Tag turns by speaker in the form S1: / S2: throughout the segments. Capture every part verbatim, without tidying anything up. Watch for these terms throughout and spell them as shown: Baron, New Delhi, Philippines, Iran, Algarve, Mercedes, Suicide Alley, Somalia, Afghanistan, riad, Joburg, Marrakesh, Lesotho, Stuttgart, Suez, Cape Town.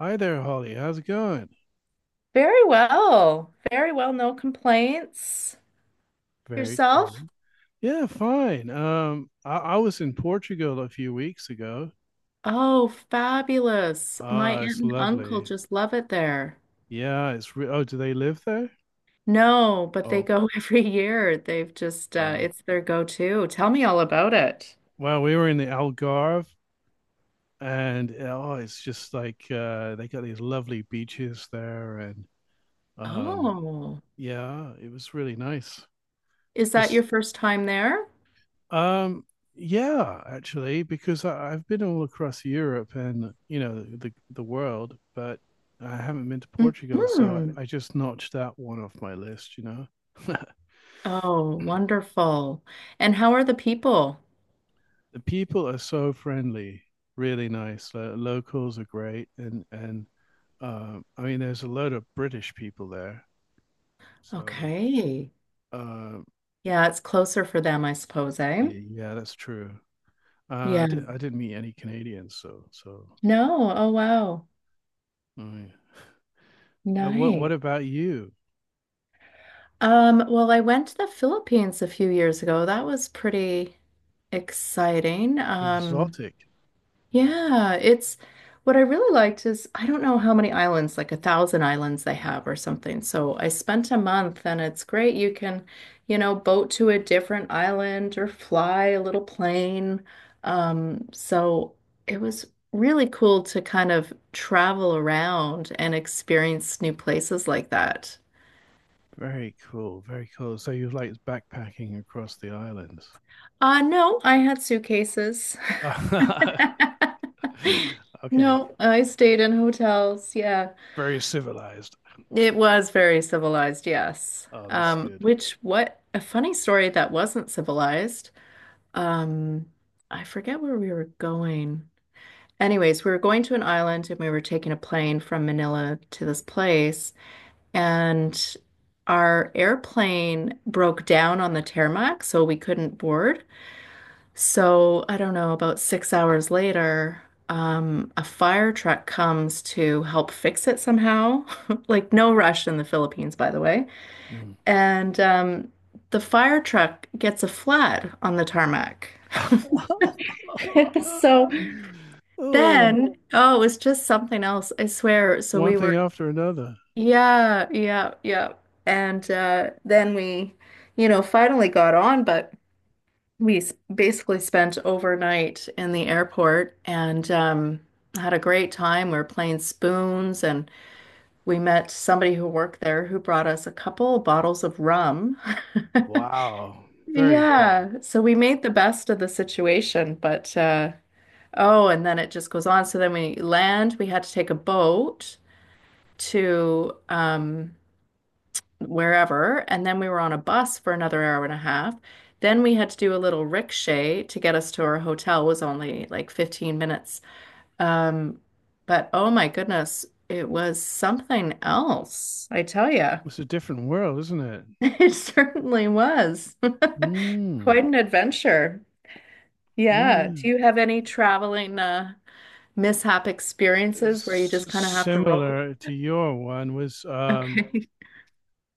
S1: Hi there, Holly. How's it going?
S2: Very well. Very well. No complaints.
S1: Very
S2: Yourself?
S1: cool. Yeah, fine. Um, I, I was in Portugal a few weeks ago.
S2: Oh, fabulous. My
S1: Ah,
S2: aunt
S1: it's
S2: and uncle
S1: lovely.
S2: just love it there.
S1: Yeah, it's re- oh, do they live there?
S2: No, but they
S1: Oh,
S2: go every year. They've just, uh,
S1: oh.
S2: it's their go-to. Tell me all about it.
S1: Well, we were in the Algarve, and oh, it's just like uh, they got these lovely beaches there, and um,
S2: Oh,
S1: yeah, it was really nice.
S2: is that
S1: Just
S2: your first time there?
S1: Um, yeah, actually, because I, I've been all across Europe and you know the the world, but I haven't been to Portugal, so
S2: Hmm.
S1: I, I just notched that one off my list. You know, the
S2: Oh, wonderful. And how are the people?
S1: people are so friendly, really nice. Lo- locals are great, and and um, I mean, there's a load of British people there, so
S2: Okay.
S1: uh,
S2: Yeah, it's closer for them, I suppose, eh?
S1: yeah, yeah, that's true. Uh, I,
S2: Yeah.
S1: did, I didn't meet any Canadians, so so.
S2: No. Oh, wow.
S1: I mean, uh, what what
S2: Nice.
S1: about you?
S2: Um, well, I went to the Philippines a few years ago. That was pretty exciting. Um,
S1: Exotic.
S2: yeah, it's what I really liked is I don't know how many islands, like a thousand islands they have or something. So I spent a month and it's great. You can, you know, boat to a different island or fly a little plane. Um, so it was really cool to kind of travel around and experience new places like that.
S1: Very cool. Very cool. So you like backpacking across the islands.
S2: Uh, no, I had suitcases.
S1: Okay.
S2: No, I stayed in hotels. Yeah.
S1: Very civilized.
S2: It was very civilized, yes.
S1: Oh, that's
S2: Um,
S1: good.
S2: which what a funny story that wasn't civilized. Um, I forget where we were going. Anyways, we were going to an island and we were taking a plane from Manila to this place, and our airplane broke down on the tarmac, so we couldn't board. So, I don't know, about six hours later, um, a fire truck comes to help fix it somehow. Like, no rush in the Philippines, by the way.
S1: Mm.
S2: And um, the fire truck gets a flat on the tarmac.
S1: Oh, God.
S2: So
S1: Oh,
S2: then, oh, it was just something else, I swear. So
S1: one
S2: we
S1: thing
S2: were,
S1: after another.
S2: yeah, yeah, yeah. And uh, then we, you know, finally got on, but we s- basically spent overnight in the airport and um, had a great time. We were playing spoons, and we met somebody who worked there who brought us a couple bottles of rum.
S1: Wow. Very cool.
S2: Yeah, so we made the best of the situation, but uh, oh, and then it just goes on. So then we land, we had to take a boat to um, wherever. And then we were on a bus for another hour and a half. Then we had to do a little rickshaw to get us to our hotel. It was only like fifteen minutes. Um, but oh my goodness, it was something else, I tell you.
S1: It's a different world, isn't it?
S2: It certainly was.
S1: Mm.
S2: Quite an adventure. Yeah. Do
S1: Yeah.
S2: you have any traveling uh, mishap experiences where you
S1: S-
S2: just kind of have to roll?
S1: similar to your one was um
S2: Okay.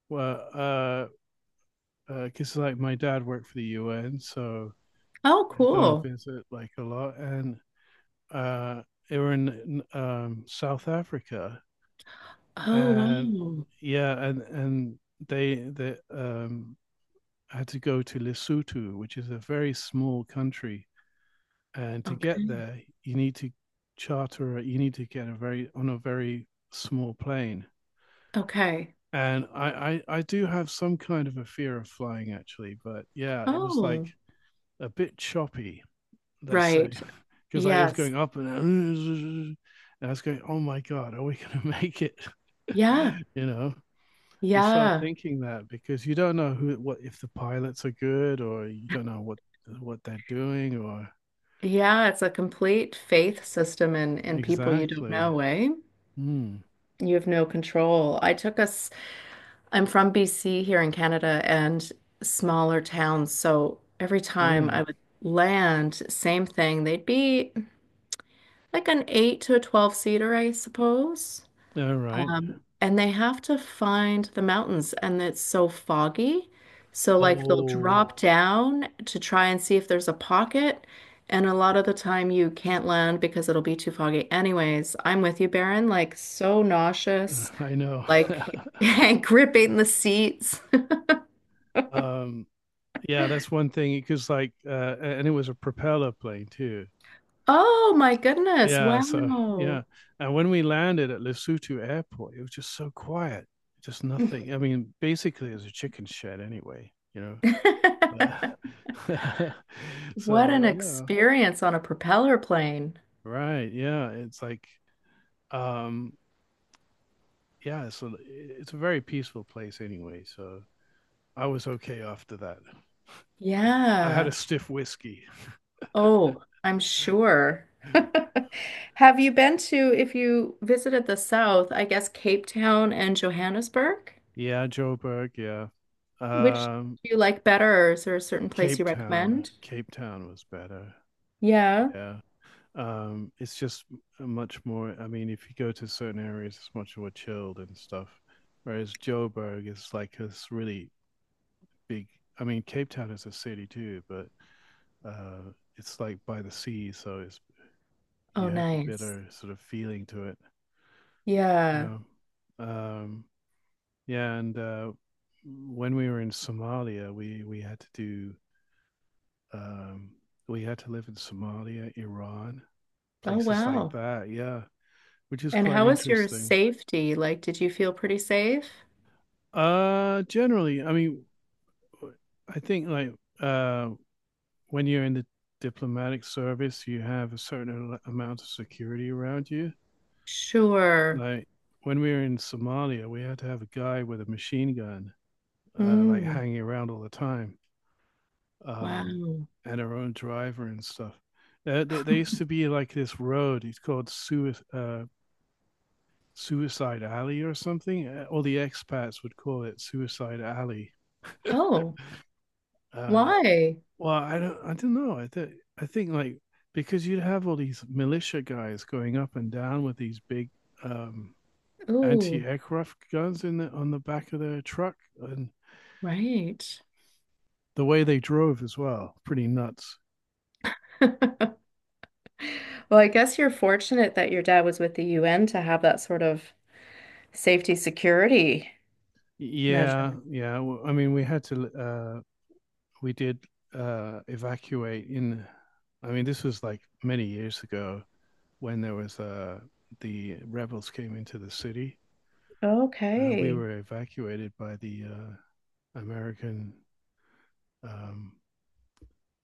S1: well uh because uh, like my dad worked for the U N, so
S2: Oh,
S1: I go and
S2: cool.
S1: visit like a lot, and uh, they were in um, South Africa,
S2: Oh,
S1: and
S2: wow.
S1: yeah, and and they they um, had to go to Lesotho, which is a very small country, and to get
S2: Okay.
S1: there, you need to charter, you need to get a very on a very small plane.
S2: Okay.
S1: And I, I, I do have some kind of a fear of flying actually, but yeah, it was like
S2: Oh,
S1: a bit choppy let's say,
S2: right.
S1: because I was
S2: Yes.
S1: going up and, and I was going, oh my God, are we going to make it?
S2: Yeah.
S1: you know, you start
S2: Yeah.
S1: thinking that because you don't know who, what, if the pilots are good or you don't know what, what they're doing or,
S2: Yeah. It's a complete faith system and and people you don't
S1: exactly.
S2: know, eh?
S1: Hmm.
S2: You have no control. I took us, I'm from B C here in Canada and smaller towns. So every time
S1: Yeah.
S2: I would land, same thing. They'd be like an eight to a twelve seater, I suppose.
S1: All right.
S2: And they have to find the mountains, and it's so foggy. So, like, they'll
S1: Oh,
S2: drop down to try and see if there's a pocket. And a lot of the time, you can't land because it'll be too foggy. Anyways, I'm with you, Baron. Like, so nauseous,
S1: I know.
S2: like, and gripping the seats.
S1: um, yeah, that's one thing because like, uh, and it was a propeller plane too.
S2: Oh my goodness.
S1: Yeah, so yeah.
S2: Wow.
S1: And when we landed at Lesotho Airport, it was just so quiet, just nothing. I mean, basically, it was a chicken shed anyway, you know. But
S2: What
S1: so
S2: an
S1: yeah,
S2: experience on a propeller plane.
S1: right, yeah. It's like, um, yeah. So it's a very peaceful place anyway. So I was okay after that. I had a
S2: Yeah.
S1: stiff whiskey.
S2: Oh, I'm sure. Have you been to, if you visited the South, I guess Cape Town and Johannesburg?
S1: Yeah, Joe Joburg. Yeah.
S2: Which
S1: Um,
S2: do you like better, or is there a certain place
S1: Cape
S2: you
S1: Town.
S2: recommend?
S1: Cape Town was better.
S2: Yeah.
S1: Yeah. Um, it's just much more. I mean, if you go to certain areas, it's much more chilled and stuff. Whereas Joburg is like this really big. I mean, Cape Town is a city too, but uh, it's like by the sea, so it's
S2: Oh,
S1: you have a
S2: nice.
S1: better sort of feeling to it. You
S2: Yeah.
S1: know? um, yeah, and uh, when we were in Somalia, we we had to do um, we had to live in Somalia, Iran,
S2: Oh,
S1: places like
S2: wow.
S1: that. Yeah, which is
S2: And
S1: quite
S2: how was your
S1: interesting.
S2: safety? Like, did you feel pretty safe?
S1: Uh, generally, I mean, I think like uh, when you're in the diplomatic service, you have a certain amount of security around you.
S2: Sure.
S1: Like when we were in Somalia, we had to have a guy with a machine gun, uh, like
S2: Mm,
S1: hanging around all the time, um,
S2: wow.
S1: and our own driver and stuff. Uh, there, there used to be like this road. It's called Suez, uh, Suicide Alley or something. Uh, All the expats would call it Suicide Alley.
S2: Oh,
S1: uh,
S2: why?
S1: well, I don't, I don't know. I think, I think like because you'd have all these militia guys going up and down with these big um,
S2: Oh,
S1: anti-aircraft guns in the, on the back of their truck, and
S2: right.
S1: the way they drove as well, pretty nuts.
S2: Well, I guess you're fortunate that your dad was with the U N to have that sort of safety security
S1: Yeah,
S2: measure.
S1: yeah. Well, I mean, we had to, uh, we did uh, evacuate in. I mean, this was like many years ago when there was uh, the rebels came into the city. Uh, we
S2: Okay.
S1: were evacuated by the uh, American. Um,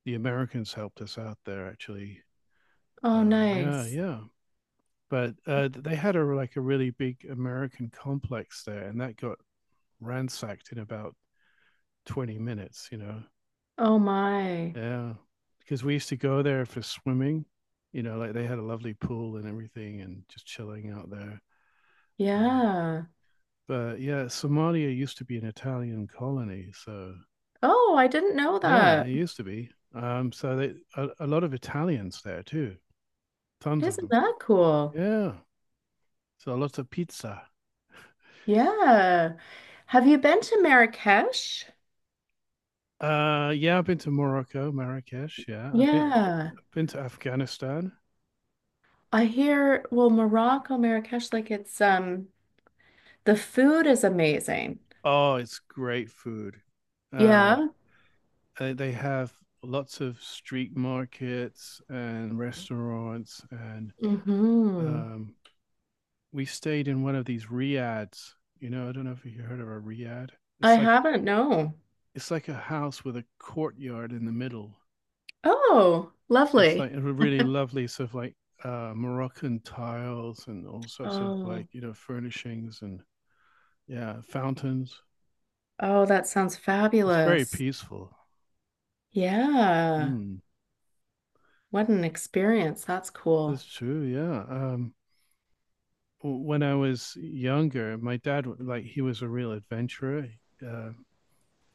S1: the Americans helped us out there, actually.
S2: Oh,
S1: Uh, yeah,
S2: nice.
S1: yeah. But uh, they had a like a really big American complex there, and that got ransacked in about twenty minutes. You know,
S2: Oh my.
S1: yeah, because we used to go there for swimming. You know, like they had a lovely pool and everything, and just chilling out there. Uh,
S2: Yeah.
S1: But yeah, Somalia used to be an Italian colony, so
S2: Oh, I didn't know
S1: yeah, it
S2: that.
S1: used to be. Um, so they a, a lot of Italians there too, tons of
S2: Isn't
S1: them.
S2: that cool?
S1: Yeah, so lots of pizza.
S2: Yeah. Have you been to Marrakesh?
S1: Uh, yeah, I've been to Morocco, Marrakesh. Yeah, I've been
S2: Yeah.
S1: I've been to Afghanistan.
S2: I hear, well, Morocco, Marrakesh, like it's um the food is amazing.
S1: Oh, it's great food. Um,
S2: Yeah.
S1: uh, they have lots of street markets and restaurants and
S2: Mm-hmm.
S1: um, we stayed in one of these riads. You know, I don't know if you heard of a riad.
S2: I
S1: It's like
S2: haven't, no.
S1: it's like a house with a courtyard in the middle.
S2: Oh,
S1: It's like
S2: lovely.
S1: a really lovely sort of like uh, Moroccan tiles and all sorts of like
S2: Oh,
S1: you know furnishings and yeah fountains.
S2: oh, that sounds
S1: It's very
S2: fabulous.
S1: peaceful.
S2: Yeah.
S1: Mm,
S2: What an experience. That's cool.
S1: that's true. Yeah. Um, when I was younger, my dad like he was a real adventurer. Uh,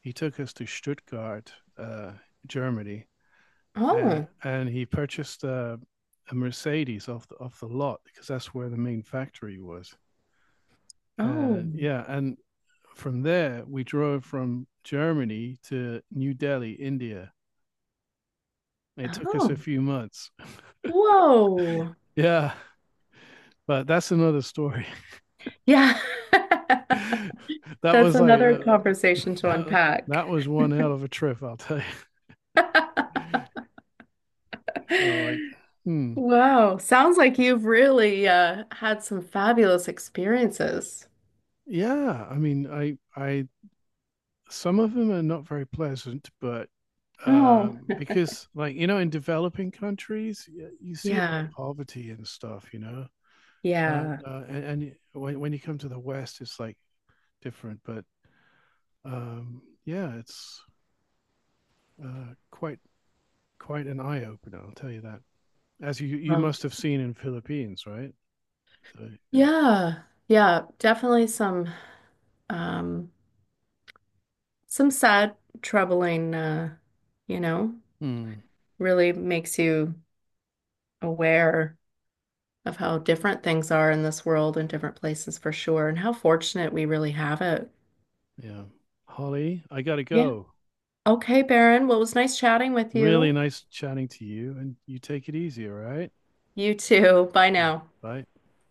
S1: he took us to Stuttgart, uh, Germany, uh,
S2: Oh,
S1: and he purchased uh, a Mercedes off the, off the lot because that's where the main factory was.
S2: oh,
S1: And yeah, and from there we drove from Germany to New Delhi, India. It took us a
S2: oh.
S1: few months.
S2: Whoa.
S1: Yeah, but that's another story.
S2: Yeah.
S1: That
S2: That's
S1: was like,
S2: another conversation to
S1: that
S2: unpack.
S1: that was one hell of a trip, I'll tell you. So like, hmm,
S2: Wow. Sounds like you've really uh, had some fabulous experiences.
S1: yeah. I mean, I I some of them are not very pleasant, but
S2: Oh,
S1: um, because, like, you know, in developing countries, y- you see a lot of
S2: yeah.
S1: poverty and stuff, you know. But
S2: Yeah.
S1: uh, and, and y- when when you come to the West, it's like different. But um, yeah, it's uh, quite quite an eye opener, I'll tell you that. As you you
S2: Um,
S1: must have seen in Philippines, right? So yeah,
S2: yeah. Yeah. Definitely some um some sad, troubling, uh, you know,
S1: hmm,
S2: really makes you aware of how different things are in this world and different places for sure, and how fortunate we really have it.
S1: yeah. Holly, I gotta
S2: Yeah.
S1: go.
S2: Okay, Baron. Well, it was nice chatting with
S1: Really
S2: you.
S1: nice chatting to you, and you take it easy, all right?
S2: You too. Bye
S1: Yeah.
S2: now.
S1: Bye.